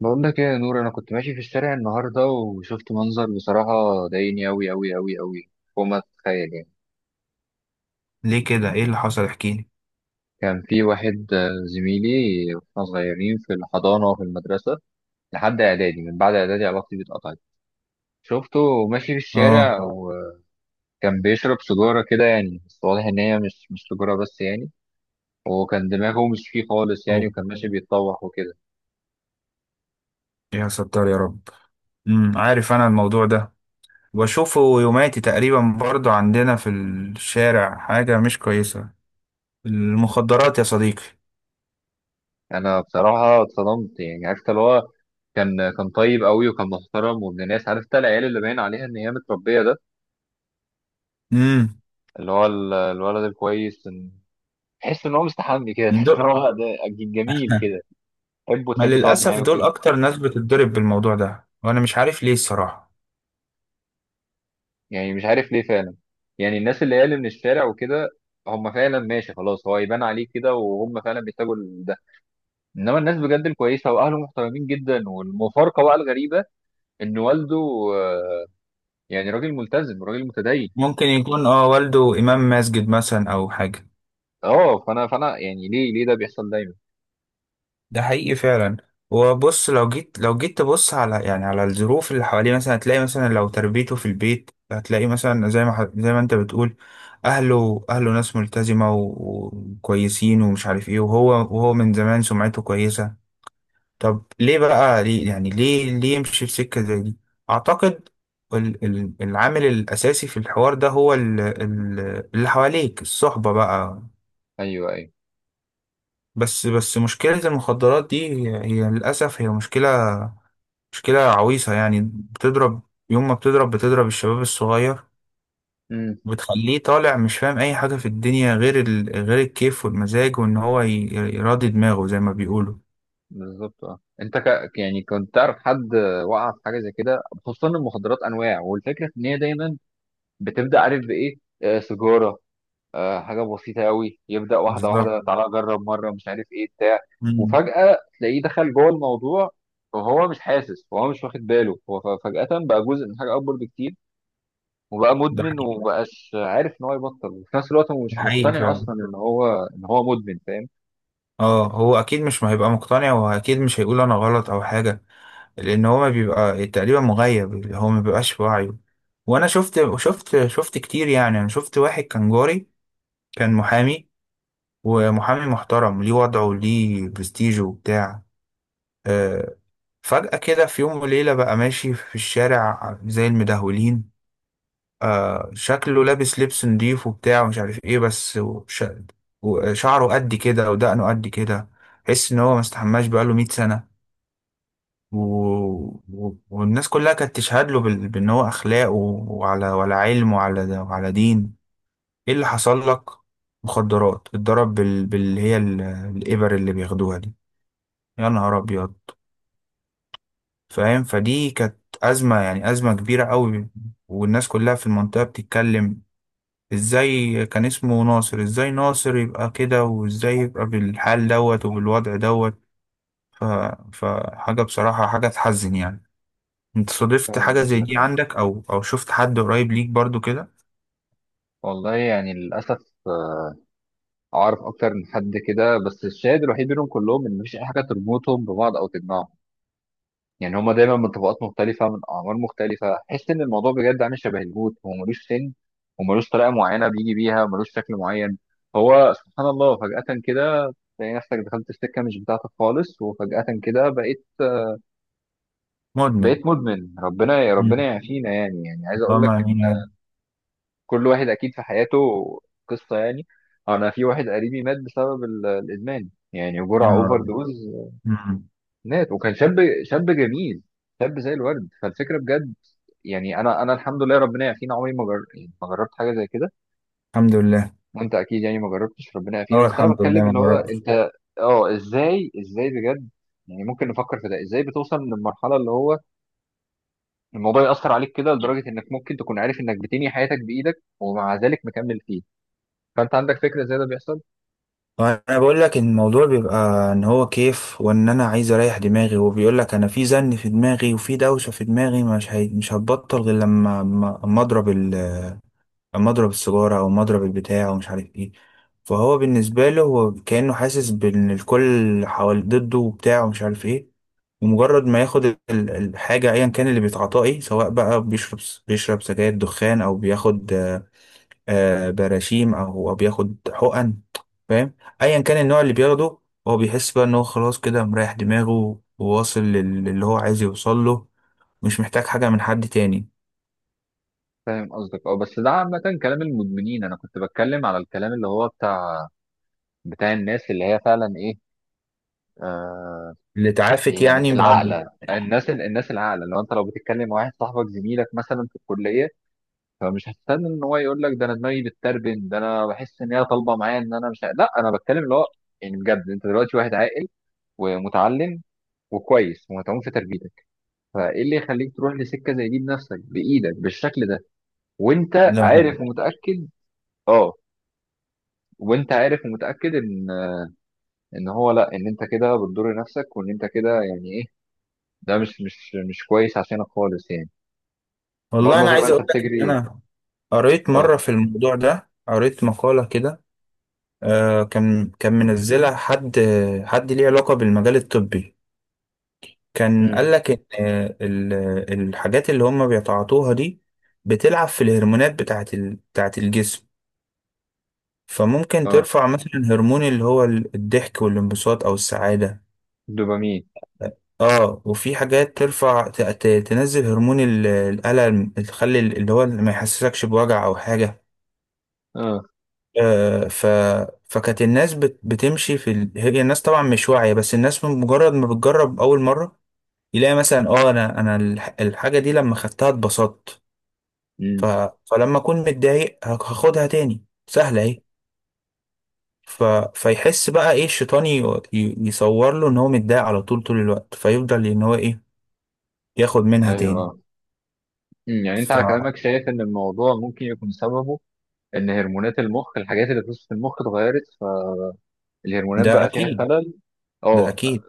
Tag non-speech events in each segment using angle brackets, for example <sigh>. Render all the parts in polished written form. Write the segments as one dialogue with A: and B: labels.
A: بقول لك ايه يا نور؟ انا كنت ماشي في الشارع النهارده، وشفت منظر بصراحه ضايقني اوي اوي اوي اوي، فوق ما تتخيل يعني.
B: ليه كده؟ ايه اللي حصل؟ احكيلي.
A: كان في واحد زميلي، واحنا صغيرين في الحضانه وفي المدرسه، لحد اعدادي. من بعد اعدادي علاقتي بيه اتقطعت. شفته ماشي في
B: اه.
A: الشارع، وكان بيشرب سيجاره كده يعني، بس واضح ان هي مش سيجاره بس يعني. وكان دماغه مش فيه خالص يعني،
B: اوه.
A: وكان ماشي بيتطوح وكده.
B: يا ستار يا رب. عارف، انا الموضوع ده بشوفه يوماتي تقريبا، برضو عندنا في الشارع حاجة مش كويسة. المخدرات يا صديقي.
A: انا بصراحه اتصدمت، يعني عرفت اللي هو كان طيب قوي، وكان محترم وابن ناس. عرفت العيال اللي باين عليها ان هي متربيه، ده
B: امم.
A: اللي هو الولد الكويس. تحس ان هو مستحمي كده، تحس
B: دول.
A: ان هو <laughs> ده جميل كده، تحبه
B: ما
A: وتحب تقعد
B: للأسف
A: معاه
B: دول
A: وكده.
B: أكتر ناس بتتضرب بالموضوع ده، وأنا مش عارف ليه الصراحة.
A: يعني مش عارف ليه فعلا. يعني الناس اللي من الشارع وكده، هم فعلا ماشي خلاص، هو يبان عليه كده، وهم فعلا بيحتاجوا ده. انما الناس بجد الكويسه، واهله محترمين جدا، والمفارقه بقى الغريبه ان والده آه، يعني راجل ملتزم، راجل متدين.
B: ممكن يكون اه، والده إمام مسجد مثلا أو حاجة.
A: اه، فانا يعني ليه ليه ده بيحصل دايما؟
B: ده حقيقي فعلا. وبص، لو جيت تبص على يعني على الظروف اللي حواليه، مثلا هتلاقي، مثلا لو تربيته في البيت، هتلاقي مثلا زي ما انت بتقول، اهله ناس ملتزمة وكويسين ومش عارف ايه، وهو من زمان سمعته كويسة. طب ليه بقى؟ ليه يعني ليه ليه يمشي في سكة زي دي؟ اعتقد العامل الاساسي في الحوار ده هو اللي حواليك، الصحبة بقى.
A: ايوه، ايوه.
B: بس مشكلة المخدرات دي، هي للأسف هي مشكلة عويصة يعني، بتضرب، يوم ما بتضرب بتضرب الشباب الصغير،
A: امم.
B: وبتخليه طالع مش فاهم أي حاجة في الدنيا غير الكيف والمزاج، وإن هو يراضي دماغه زي ما بيقولوا.
A: بالظبط. اه، انت يعني كنت تعرف حد وقع في حاجه زي كده؟ خصوصا المخدرات انواع، والفكره ان هي دايما بتبدا، عارف بايه؟ آه، سيجاره، آه حاجه بسيطه قوي، يبدا واحده
B: بالظبط.
A: واحده، تعالى جرب مره، مش عارف ايه بتاع.
B: مم.
A: وفجاه تلاقيه دخل جوه الموضوع، وهو مش حاسس وهو مش واخد باله، هو فجاه بقى جزء من حاجه اكبر بكتير، وبقى
B: ده
A: مدمن
B: حقيقي،
A: ومبقاش عارف ان هو يبطل، وفي نفس الوقت هو
B: ده
A: مش
B: حقيقي
A: مقتنع
B: فعلا.
A: اصلا ان هو، ان هو مدمن، فاهم؟
B: اه، هو أكيد مش هيبقى مقتنع، وأكيد مش هيقول أنا غلط أو حاجة، لأن هو ما بيبقى تقريبا مغيب، اللي هو ما بيبقاش في وعيه. وأنا شفت كتير يعني، أنا شفت واحد كان جاري، كان محامي، ومحامي محترم، ليه وضعه، ليه برستيجه وبتاع، آه، فجأة كده في يوم وليلة بقى ماشي في الشارع زي المدهولين. شكله لابس لبس نضيف وبتاع ومش عارف ايه، بس وشعره قد كده ودقنه قد كده، تحس ان هو ما استحماش بقاله 100 سنة. و... والناس كلها كانت تشهد له بان هو اخلاق وعلى وعلى علم وعلى دين. ايه اللي حصل لك؟ مخدرات، اتضرب باللي هي الابر اللي بياخدوها دي. يا نهار ابيض. فاهم، فدي كانت أزمة يعني، أزمة كبيرة قوي، والناس كلها في المنطقة بتتكلم، ازاي كان اسمه ناصر؟ ازاي ناصر يبقى كده؟ وازاي يبقى بالحال دوت وبالوضع دوت؟ ف... فحاجة بصراحة، حاجة تحزن يعني. انت صادفت
A: فاهم
B: حاجة زي
A: قصدك.
B: دي
A: اه،
B: عندك، او شفت حد قريب ليك برضو كده؟
A: والله يعني للأسف أعرف أكتر من حد كده، بس الشاهد الوحيد بينهم كلهم إن مفيش أي حاجة تربطهم ببعض أو تجمعهم. يعني هما دايما من طبقات مختلفة، من أعمار مختلفة. تحس إن الموضوع بجد عامل شبه الهوت، هو ملوش سن، وملوش طريقة معينة بيجي بيها، وملوش شكل معين. هو سبحان الله فجأة كده تلاقي نفسك دخلت السكة مش بتاعتك خالص، وفجأة كده بقيت
B: مدمن.
A: بقيت مدمن. ربنا ربنا
B: مم.
A: يعافينا. يعني عايز أقول
B: اللهم
A: لك،
B: امين يا رب.
A: كل واحد اكيد في حياته قصه يعني. انا في واحد قريبي مات بسبب الادمان، يعني
B: يا
A: جرعه
B: نهار
A: اوفر
B: أبيض.
A: دوز.
B: مم.
A: مات وكان شاب، شاب جميل، شاب زي الورد. فالفكره بجد يعني، انا الحمد لله ربنا يعافينا، عمري ما يعني ما جربت حاجه زي كده.
B: الحمد لله.
A: وانت اكيد يعني ما جربتش، ربنا يعافينا،
B: اه
A: بس انا
B: الحمد
A: بتكلم
B: لله، ما
A: ان هو
B: جربتش.
A: انت. اه، ازاي بجد يعني ممكن نفكر في ده، ازاي بتوصل للمرحله اللي هو الموضوع ياثر عليك كده لدرجه انك ممكن تكون عارف انك بتنهي حياتك بايدك، ومع ذلك مكمل فيه؟ فانت عندك فكره ازاي ده بيحصل؟
B: انا بقول لك ان الموضوع بيبقى ان هو كيف، وان انا عايز اريح دماغي، وبيقول لك انا في زن في دماغي، وفي دوشه في دماغي، مش هتبطل غير لما اما اضرب اما اضرب السيجاره، او اما اضرب البتاع ومش عارف ايه. فهو بالنسبه له، هو كانه حاسس بان الكل حوالي ضده وبتاع ومش عارف ايه، ومجرد ما ياخد الحاجه ايا كان اللي بيتعاطاه ايه، سواء بقى بيشرب سجاير دخان، او بياخد براشيم، او بياخد حقن، فاهم، ايا كان النوع اللي بياخده، هو بيحس بقى ان هو خلاص كده مريح دماغه، وواصل للي هو عايز يوصل له، مش محتاج حاجه من حد تاني.
A: فاهم قصدك. اه، بس ده عامة كلام المدمنين. انا كنت بتكلم على الكلام اللي هو بتاع، بتاع الناس اللي هي فعلا ايه. آه.
B: اللي اتعافت
A: يعني
B: يعني بعد.
A: العاقلة، الناس العاقلة، لو بتتكلم مع واحد صاحبك زميلك مثلا في الكلية، فمش هتستنى ان هو يقول لك، ده انا دماغي بتتربن، ده انا بحس ان هي طالبة معايا، ان انا مش لا، انا بتكلم اللي هو يعني بجد انت دلوقتي واحد عاقل، ومتعلم، وكويس، ومتعوب في تربيتك. فايه اللي يخليك تروح لسكة زي دي بنفسك بايدك بالشكل ده، وانت
B: لا حقيقي.
A: عارف ومتأكد؟ اه، وانت عارف ومتاكد ان، ان هو لا، ان انت كده بتضر نفسك، وان انت كده يعني ايه، ده مش كويس عشانك خالص يعني، بغض
B: والله انا
A: النظر بقى
B: عايز
A: انت
B: اقول لك
A: بتجري
B: ان
A: ايه.
B: انا قريت مره
A: اه.
B: في الموضوع ده، قريت مقاله كده، آه، كان منزلها حد، حد ليه علاقه بالمجال الطبي، كان قال
A: امم.
B: لك ان ال- الحاجات اللي هم بيتعاطوها دي بتلعب في الهرمونات بتاعت الجسم، فممكن
A: اه.
B: ترفع مثلا هرمون اللي هو الضحك والانبساط او السعادة.
A: دوبامين.
B: اه، وفي حاجات ترفع تنزل هرمون الألم، تخلي اللي هو ما يحسسكش بوجع او حاجة.
A: اه.
B: آه ف فكانت الناس بتمشي في هي الناس طبعا مش واعية، بس الناس من مجرد ما بتجرب اول مرة، يلاقي مثلا اه، الحاجة دي لما خدتها اتبسطت، ف...
A: امم.
B: فلما اكون متضايق هاخدها تاني، سهله اهي. ف... فيحس بقى ايه، الشيطان يصور له ان هو متضايق على طول، طول الوقت، فيفضل ان هو ايه، ياخد منها
A: ايوه.
B: تاني.
A: اه. امم. يعني انت على
B: فده
A: كلامك شايف ان الموضوع ممكن يكون سببه ان هرمونات المخ، الحاجات اللي بتوصل في وسط المخ، اتغيرت، فالهرمونات بقى فيها
B: اكيد،
A: خلل.
B: ده
A: اه،
B: اكيد.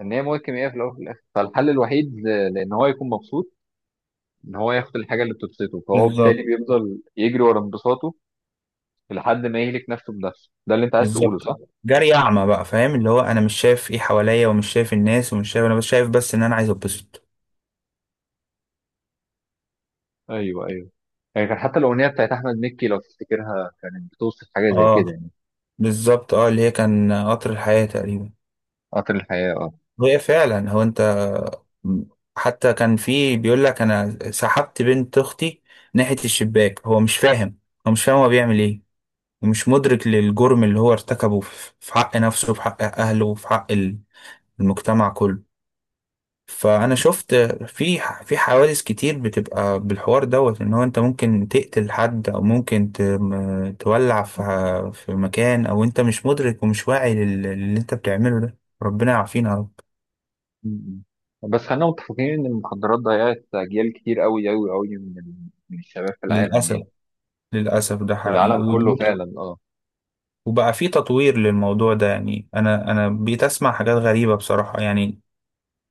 A: ان هي مواد كيميائيه في الاول وفي الاخر. فالحل الوحيد لان هو يكون مبسوط، ان هو ياخد الحاجه اللي بتبسطه، فهو بالتالي
B: بالظبط.
A: بيفضل يجري ورا انبساطه لحد ما يهلك نفسه بنفسه. ده اللي انت عايز تقوله،
B: بالظبط،
A: صح؟
B: جري اعمى بقى، فاهم، اللي هو انا مش شايف ايه حواليا، ومش شايف الناس، ومش شايف انا، بس شايف بس ان انا عايز اتبسط.
A: ايوه، ايوه. يعني كان حتى الاغنيه بتاعت احمد مكي لو تفتكرها، كانت بتوصف حاجه زي كده
B: اه
A: يعني.
B: بالظبط، اه اللي هي كان قطر الحياه تقريبا.
A: قطر الحياه، اه.
B: هي فعلا، هو انت، حتى كان في بيقول لك انا سحبت بنت اختي ناحية الشباك، هو مش فاهم، هو مش فاهم هو بيعمل ايه، ومش مدرك للجرم اللي هو ارتكبه في في حق نفسه، وفي حق اهله، وفي حق المجتمع كله. فانا شفت في حوادث كتير بتبقى بالحوار دوت، ان هو انت ممكن تقتل حد، او ممكن تولع في مكان، او انت مش مدرك ومش واعي للي انت بتعمله ده. ربنا يعافينا يا رب.
A: م- م. بس خلينا متفقين ان المخدرات ضيعت اجيال كتير قوي قوي قوي من من الشباب في العالم
B: للاسف،
A: يعني،
B: للأسف ده
A: في
B: حقيقي
A: العالم كله فعلا. اه.
B: وبقى في تطوير للموضوع ده يعني، أنا بقيت أسمع حاجات غريبة بصراحة يعني.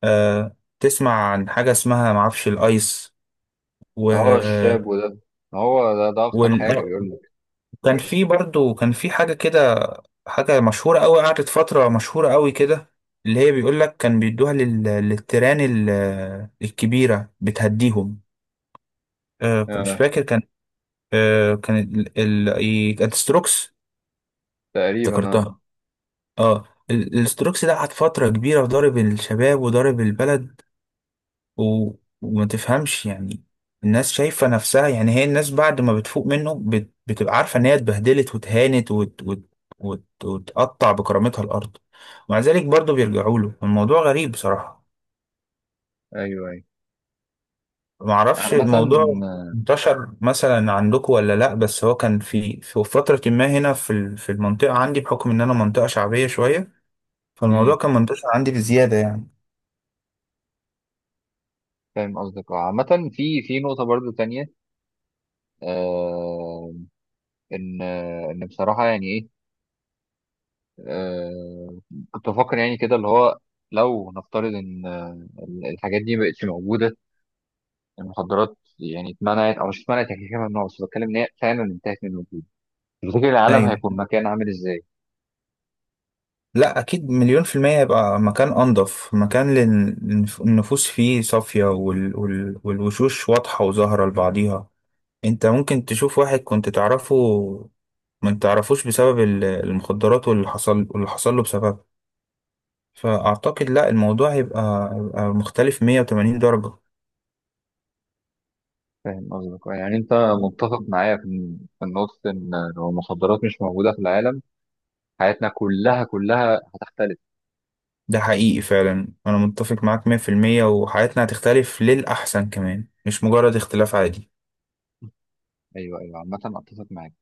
B: آه، تسمع عن حاجة اسمها معرفش، الأيس. و
A: اه، الشاب وده، هو ده اخطر
B: وال...
A: حاجه بيقول لك.
B: كان في برضو، كان في حاجة كده، حاجة مشهورة أوي، قعدت فترة مشهورة أوي كده، اللي هي بيقول لك كان بيدوها للتيران الكبيرة، بتهديهم. آه مش
A: آه،
B: فاكر، كان آه، كانت ستروكس.
A: تقريبا. اه.
B: افتكرتها. اه، الاستروكس ده قعد فترة كبيرة ضارب الشباب وضارب البلد، و... وما تفهمش يعني، الناس شايفة نفسها يعني، هي الناس بعد ما بتفوق منه، بتبقى عارفة ان هي اتبهدلت واتهانت، وتقطع بكرامتها الارض، ومع ذلك برضه بيرجعوا له. الموضوع غريب بصراحة.
A: ايوه، ايوه.
B: معرفش
A: عامه.
B: الموضوع انتشر مثلا عندكم ولا لا، بس هو كان في في فترة ما هنا في المنطقة عندي، بحكم ان انا منطقة شعبية شوية، فالموضوع
A: امم.
B: كان منتشر عندي بزيادة يعني.
A: فاهم قصدك. اه، عامه في نقطه برضو تانية، آه، ان بصراحه يعني ايه، آه، كنت بفكر يعني كده، اللي هو لو نفترض ان الحاجات دي ما بقتش موجوده، المخدرات يعني اتمنعت، او مش اتمنعت، هي كده كده ممنوعه، بس بتكلم ان هي فعلا انتهت من الوجود، تفتكر العالم
B: ايوه.
A: هيكون مكان عامل ازاي؟
B: لا اكيد، مليون في المية يبقى مكان انضف، مكان النفوس فيه صافية، والوشوش واضحة وظاهرة لبعضيها. انت ممكن تشوف واحد كنت تعرفه، ما تعرفوش بسبب المخدرات، واللي حصل واللي حصل له بسببها. فاعتقد لا، الموضوع هيبقى مختلف 180 درجة.
A: فاهم قصدك. يعني انت متفق معايا في النقطه ان لو المخدرات مش موجوده في العالم، حياتنا كلها كلها هتختلف.
B: ده حقيقي فعلا، انا متفق معاك 100%، وحياتنا هتختلف للأحسن كمان، مش مجرد اختلاف عادي.
A: ايوه، ايوه، عامه اتفق معاك.